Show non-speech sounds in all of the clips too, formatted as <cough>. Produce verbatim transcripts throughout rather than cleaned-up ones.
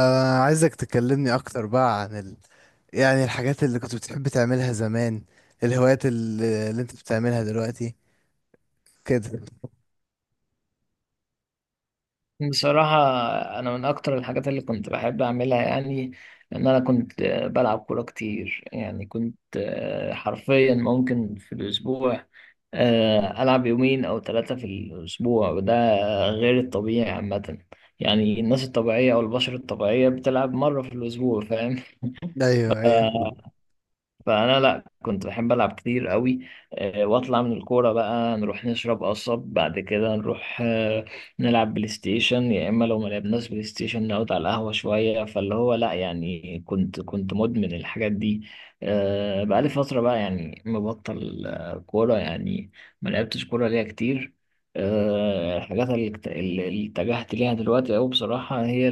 آه عايزك تكلمني أكتر بقى عن ال... يعني الحاجات اللي كنت بتحب تعملها زمان، الهوايات اللي, اللي أنت بتعملها دلوقتي كده. بصراحة، أنا من أكتر الحاجات اللي كنت بحب أعملها، يعني إن أنا كنت آه، بلعب كورة كتير. يعني كنت آه، حرفيا ممكن في الأسبوع آه، ألعب يومين أو ثلاثة في الأسبوع، وده غير الطبيعي عامة. يعني الناس الطبيعية أو البشر الطبيعية بتلعب مرة في الأسبوع، فاهم؟ أيوه أيوه. فانا لا، كنت بحب العب كتير قوي. آه، واطلع من الكوره بقى نروح نشرب قصب، بعد كده نروح آه، نلعب بلاي ستيشن، يا اما لو ما لعبناش بلاي ستيشن نقعد على القهوه شويه، فاللي هو لا يعني كنت كنت مدمن الحاجات دي. آه، بقالي فتره بقى يعني مبطل آه، كوره يعني. ما لعبتش كوره ليا كتير. آه، الحاجات اللي اكت- اللي اتجهت ليها دلوقتي أوي، بصراحة هي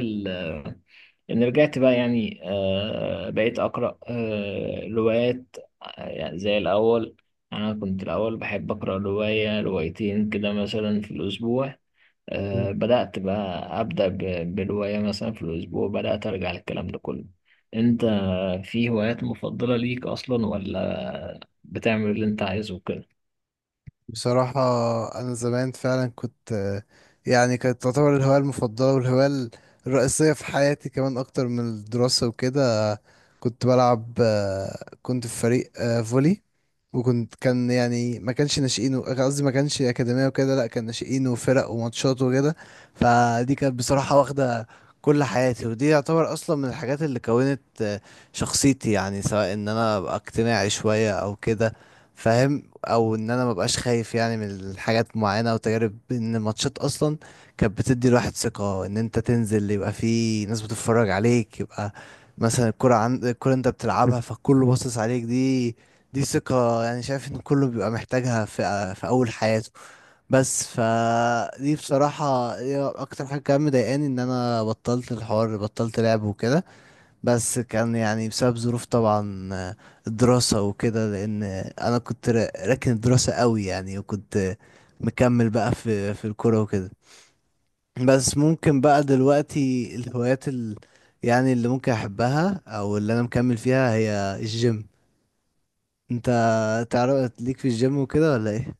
يعني رجعت بقى، يعني آه بقيت أقرأ آه روايات. آه، يعني زي الأول. يعني أنا كنت الأول بحب أقرأ رواية روايتين كده مثلا في الأسبوع. آه بدأت بقى أبدأ ب- برواية مثلا في الأسبوع. بدأت أرجع للكلام ده كله. أنت في هوايات مفضلة ليك أصلا، ولا بتعمل اللي أنت عايزه وكده؟ بصراحة أنا زمان فعلا كنت آه، يعني كانت تعتبر الهواية المفضلة والهواية الرئيسية في حياتي كمان أكتر من الدراسة وكده. كنت بلعب آه، كنت في فريق آه، فولي. وكنت كان يعني ما كانش ناشئين و- قصدي ما كانش أكاديمية وكده، لا كان ناشئين وفرق وماتشات وكده. فدي كانت بصراحة واخدة كل حياتي، ودي يعتبر أصلا من الحاجات اللي كونت آه، شخصيتي. يعني سواء إن أنا أبقى اجتماعي شوية أو كده فاهم، أو إن أنا مبقاش خايف يعني من الحاجات معينة وتجارب. إن الماتشات أصلا كانت بتدي الواحد ثقة، إن أنت تنزل يبقى في ناس بتتفرج عليك، يبقى مثلا الكرة عند الكرة أنت بتلعبها فكله باصص عليك. دي دي ثقة يعني. شايف ان كله بيبقى محتاجها في في اول حياته. بس فدي بصراحة هي اكتر حاجة كان مضايقاني، ان انا بطلت الحوار بطلت لعب وكده. بس كان يعني بسبب ظروف طبعا آه، الدراسة وكده، لان انا كنت را- راكن الدراسة قوي يعني، وكنت مكمل بقى في في الكورة وكده. بس ممكن بقى دلوقتي الهوايات ال يعني اللي ممكن احبها او اللي انا مكمل فيها هي الجيم. انت تعرف ليك في الجيم وكده ولا ايه؟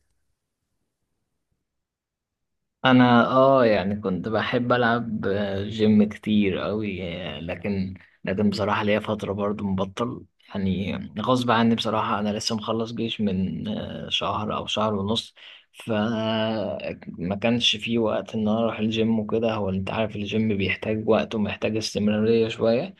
انا اه يعني كنت بحب العب جيم كتير قوي. لكن، لكن بصراحه ليا فتره برضو مبطل يعني. غصب عني بصراحه، انا لسه مخلص جيش من آه، شهر او شهر ونص. فما كانش في وقت ان انا اروح الجيم وكده. هو انت عارف الجيم بيحتاج وقت ومحتاج استمراريه شويه.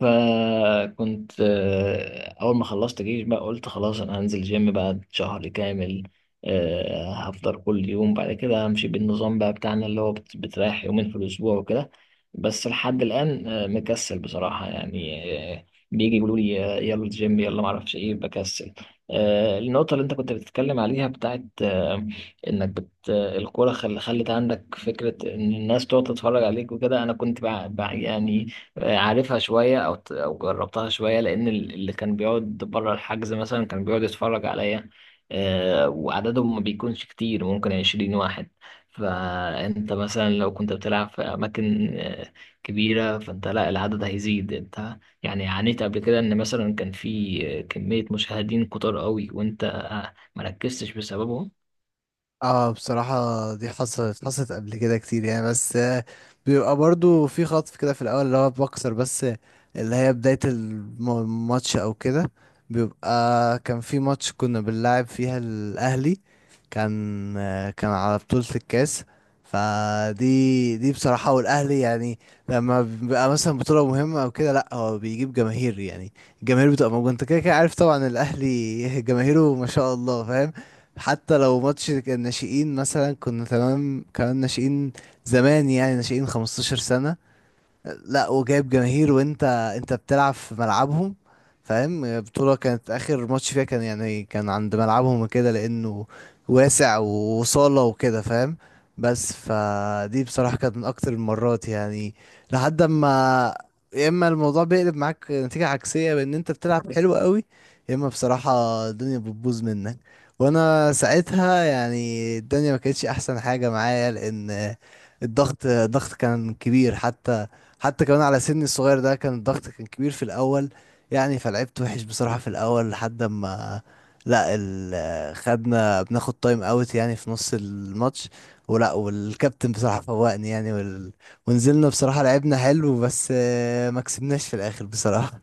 فكنت، آه، أول ما خلصت جيش بقى قلت خلاص أنا هنزل جيم بعد شهر كامل. آه، هفطر كل يوم، بعد كده همشي بالنظام بقى بتاعنا اللي هو بت- بتريح يومين في الأسبوع وكده. بس لحد الآن آه، مكسل بصراحة يعني. آه، بيجي يقولوا لي آه، يلا الجيم يلا معرفش إيه، بكسل. آه، النقطة اللي أنت كنت بتتكلم عليها بتاعت آه، إنك بت آه، الكورة خل- خلت عندك فكرة إن الناس تقعد تتفرج عليك وكده. أنا كنت بقى بقى يعني عارفها شوية أو أو جربتها شوية، لأن ال- اللي كان بيقعد بره الحجز مثلا كان بيقعد يتفرج عليا. آه، وعددهم ما بيكونش كتير، ممكن عشرين واحد. فأنت مثلا لو كنت بتلعب في أماكن آه، كبيرة، فأنت لا العدد هيزيد. أنت يعني عانيت قبل كده إن مثلا كان في آه، كمية مشاهدين كتار قوي، وأنت آه، مركزتش بسببهم. اه بصراحة دي حصلت حصلت قبل كده كتير يعني، بس آه، بيبقى برضو في خطف كده في الأول اللي هو بكسر، بس اللي هي بداية الم- الماتش أو كده. بيبقى كان في ماتش كنا بنلعب فيها الأهلي، كان آه، كان على بطولة الكاس. فدي دي بصراحة، والأهلي يعني لما بيبقى مثلا بطولة مهمة أو كده لأ هو بيجيب جماهير. يعني الجماهير بتبقى موجودة، أنت كده كده عارف طبعا. الأهلي <laughs> جماهيره ما شاء الله فاهم. حتى لو ماتش الناشئين مثلا، كنا تمام كمان ناشئين زمان يعني ناشئين 15 سنة. لا وجايب جماهير، وانت انت بتلعب في ملعبهم فاهم. بطولة كانت اخر ماتش فيها كان يعني كان عند ملعبهم كده، لانه واسع وصالة وكده فاهم. بس فدي بصراحة كانت من اكتر المرات يعني. لحد ما، يا اما الموضوع بيقلب معاك نتيجة عكسية بان انت بتلعب حلو قوي، يا اما بصراحة الدنيا بتبوظ منك. وانا ساعتها يعني الدنيا ما كانتش احسن حاجة معايا، لان الضغط الضغط كان كبير. حتى حتى كمان على سني الصغير ده كان الضغط كان كبير في الاول، يعني فلعبت وحش بصراحة في الاول. لحد ما لا ال... خدنا بناخد تايم اوت يعني في نص الماتش، ولا والكابتن بصراحة فوقني يعني وال... ونزلنا بصراحة لعبنا حلو، بس آه، ما كسبناش في الاخر بصراحة.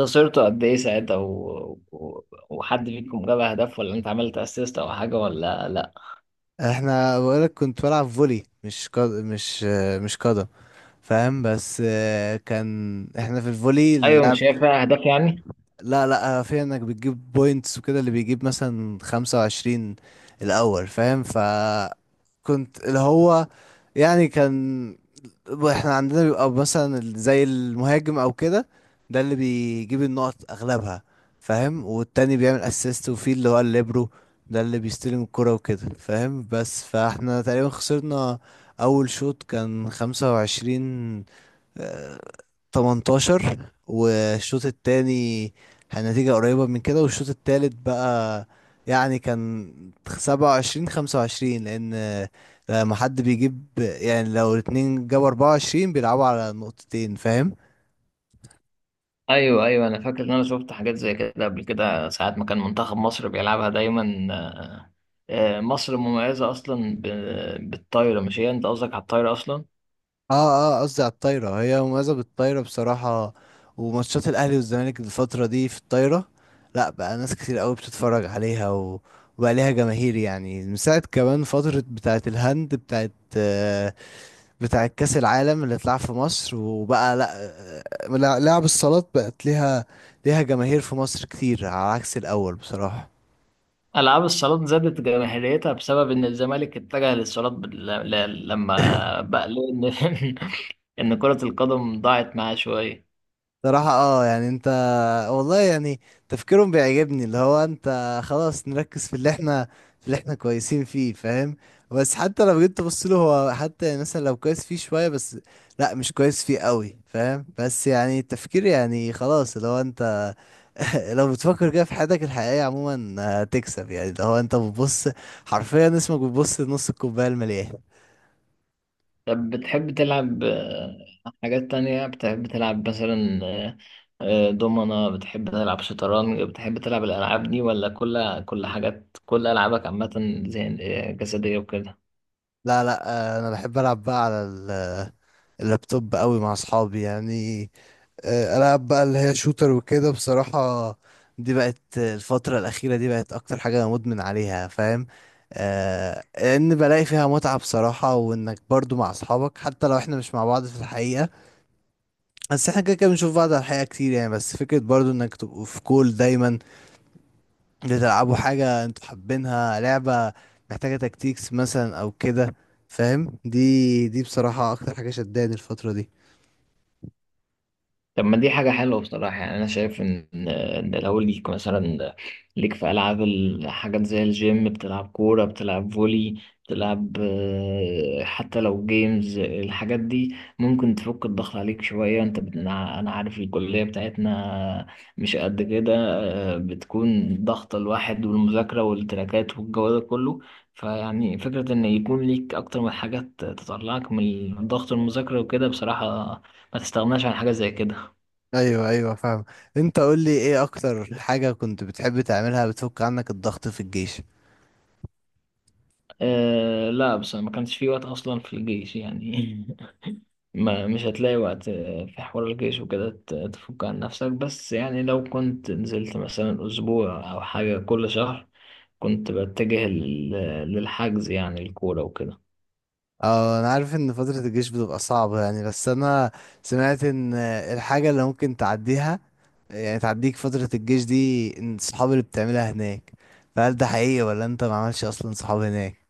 خسرته قد إيه ساعتها و... و... وحد فيكم جاب أهداف، ولا أنت عملت أسيست أو حاجة ولا؟ احنا بقولك كنت بلعب فولي مش قد... مش آه، مش قدم فاهم، بس آه، كان احنا في الفولي ايوه، اللعب. مش هي فيها اهداف يعني؟ لا لا في انك بتجيب بوينتس وكده، اللي بيجيب مثلا خمسة وعشرين الاول فاهم. ف كنت اللي هو يعني كان احنا عندنا بيبقى مثلا ال- زي المهاجم او كده، ده اللي بيجيب النقط اغلبها فاهم. والتاني بيعمل اسيست، وفي اللي هو الليبرو ده اللي بيستلم الكرة وكده فاهم. بس فاحنا تقريبا خسرنا اول شوط كان خمسة وعشرين تمنتاشر، والشوط التاني كان نتيجة قريبة من كده. والشوط التالت بقى يعني كان سبعة وعشرين خمسة وعشرين، لأن لما حد بيجيب يعني لو الاتنين جابوا أربعة وعشرين بيلعبوا على نقطتين فاهم؟ ايوه، ايوه، انا فاكر ان انا شفت حاجات زي كده قبل كده، ساعات ما كان منتخب مصر بيلعبها دايما. آه، مصر مميزه اصلا ب- بالطايره. مش هي انت قصدك على الطايره اصلا؟ اه اه قصدي على الطايرة، هي مميزة بالطايرة بصراحة. وماتشات الأهلي والزمالك الفترة دي في الطايرة، لأ بقى ناس كتير قوي بتتفرج عليها و... وبقى ليها جماهير. يعني من ساعة كمان فترة بتاعة الهند، بتاعة بتاع كأس العالم اللي اتلعب في مصر، وبقى لا لعب الصالات بقت ليها ليها جماهير في مصر كتير، على عكس الأول بصراحة. العاب الصالات زادت جماهيريتها بسبب ان الزمالك اتجه للصالات، بال- ل- لما <laughs> بقى ليه ان <laughs> ان كره القدم ضاعت معاه شويه. صراحة اه يعني انت والله يعني تفكيرهم بيعجبني، اللي هو انت خلاص نركز في اللي احنا في اللي احنا كويسين فيه فاهم. بس حتى لو جيت تبص له هو حتى، يعني مثلا لو كويس فيه شوية بس، لا مش كويس فيه قوي فاهم. بس يعني التفكير يعني خلاص اللي هو انت <laughs> لو بتفكر كده في حياتك الحقيقية عموما هتكسب. يعني ده هو انت بتبص حرفيا اسمك، بتبص لنص الكوباية المليان. طب بتحب تلعب آه، حاجات تانية؟ بتحب تلعب مثلا آه، آه، دومنة؟ بتحب تلعب شطرنج؟ بتحب تلعب الألعاب دي، ولا كل كل حاجات كل ألعابك عامة زي آه، جسدية وكده؟ لا لا آه، انا بحب العب بقى على ال- اللابتوب قوي مع اصحابي يعني. آه، العب بقى اللي هي شوتر وكده بصراحة. دي بقت الفترة الأخيرة دي بقت أكتر حاجة أنا مدمن عليها فاهم. آه، لأن بلاقي فيها متعة بصراحة، وإنك برضو مع أصحابك حتى لو إحنا مش مع بعض في الحقيقة. بس إحنا كده كده بنشوف بعض على الحقيقة كتير يعني، بس فكرة برضو إنك تبقوا في كول دايما، بتلعبوا حاجة انتوا حابينها، لعبة محتاجة تكتيكس مثلا او كده فاهم. دي دي بصراحة اكتر حاجة شداني الفترة دي. طب ما دي حاجة حلوة بصراحة يعني. أنا شايف إن، إن لو ليك مثلا ليك في ألعاب، الحاجات زي الجيم، بتلعب كورة، بتلعب فولي، بتلعب آه، حتى لو جيمز، الحاجات دي ممكن تفك الضغط عليك شوية. أنت بت- أنا أنا عارف الكلية بتاعتنا مش قد كده. آه، بتكون ضغط الواحد والمذاكرة والتراكات والجو ده كله. فيعني فكرة إن يكون ليك أكتر من حاجات تطلعك من ضغط المذاكرة وكده، بصراحة ما تستغناش عن حاجة زي كده. ايوه ايوه فاهم. انت قول لي ايه اكتر حاجة كنت بتحب تعملها بتفك عنك الضغط في الجيش؟ أه لا، بس ما كانش في وقت اصلا في الجيش يعني. <laughs> ما مش هتلاقي وقت آه، في حوار الجيش وكده ت- تفك عن نفسك. بس يعني لو كنت نزلت مثلا اسبوع او حاجة كل شهر، كنت بتجه لل- للحجز يعني، الكورة وكده. اه انا عارف ان فترة الجيش بتبقى صعبة يعني، بس انا سمعت ان الحاجة اللي ممكن تعديها، يعني تعديك فترة الجيش دي، ان الصحاب اللي بتعملها هناك. فهل ده حقيقي ولا انت ما عملش اصلا صحاب هناك؟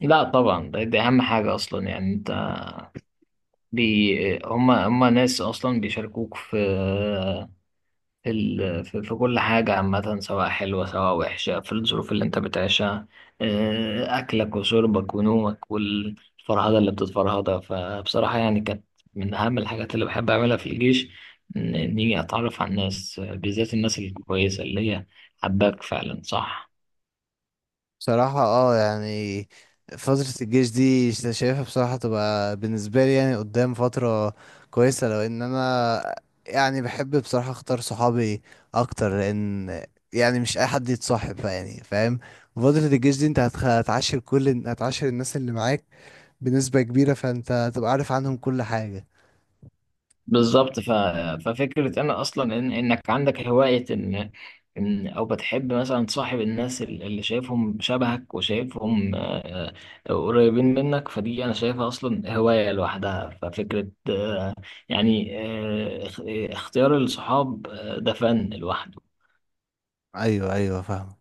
لا طبعا، ده- دي اهم حاجة اصلا يعني. انت بي هما هما ناس اصلا بيشاركوك في في ال- في في كل حاجة عامة، سواء حلوة سواء وحشة، في الظروف اللي انت بتعيشها. آه، أكلك وشربك ونومك والفرهدة اللي بتتفرهدها، فبصراحة يعني كانت من أهم الحاجات اللي بحب أعملها في الجيش. إن- إني أتعرف على الناس، آه، بالذات الناس الكويسة اللي هي حباك فعلا، صح. بصراحة اه يعني فترة الجيش دي شا- شايفها بصراحة تبقى بالنسبة لي يعني قدام فترة كويسة، لو ان انا يعني بحب بصراحة اختار صحابي اكتر. لان يعني مش اي حد يتصاحب بقى يعني فاهم، فترة الجيش دي انت هتخ- هتعاشر كل هتعاشر الناس اللي معاك بنسبة كبيرة، فانت هتبقى عارف عنهم كل حاجة. بالظبط. ف... ففكرة أنا أصلا إن... إنك عندك هواية، إن... إن أو بتحب مثلا تصاحب الناس ال- اللي شايفهم شبهك، وشايفهم آه، آه، قريبين منك. فدي أنا شايفها أصلا هواية لوحدها، ففكرة آه، يعني آه، اخ- اختيار الصحاب آه، ده فن لوحده. ايوه ايوه فاهم.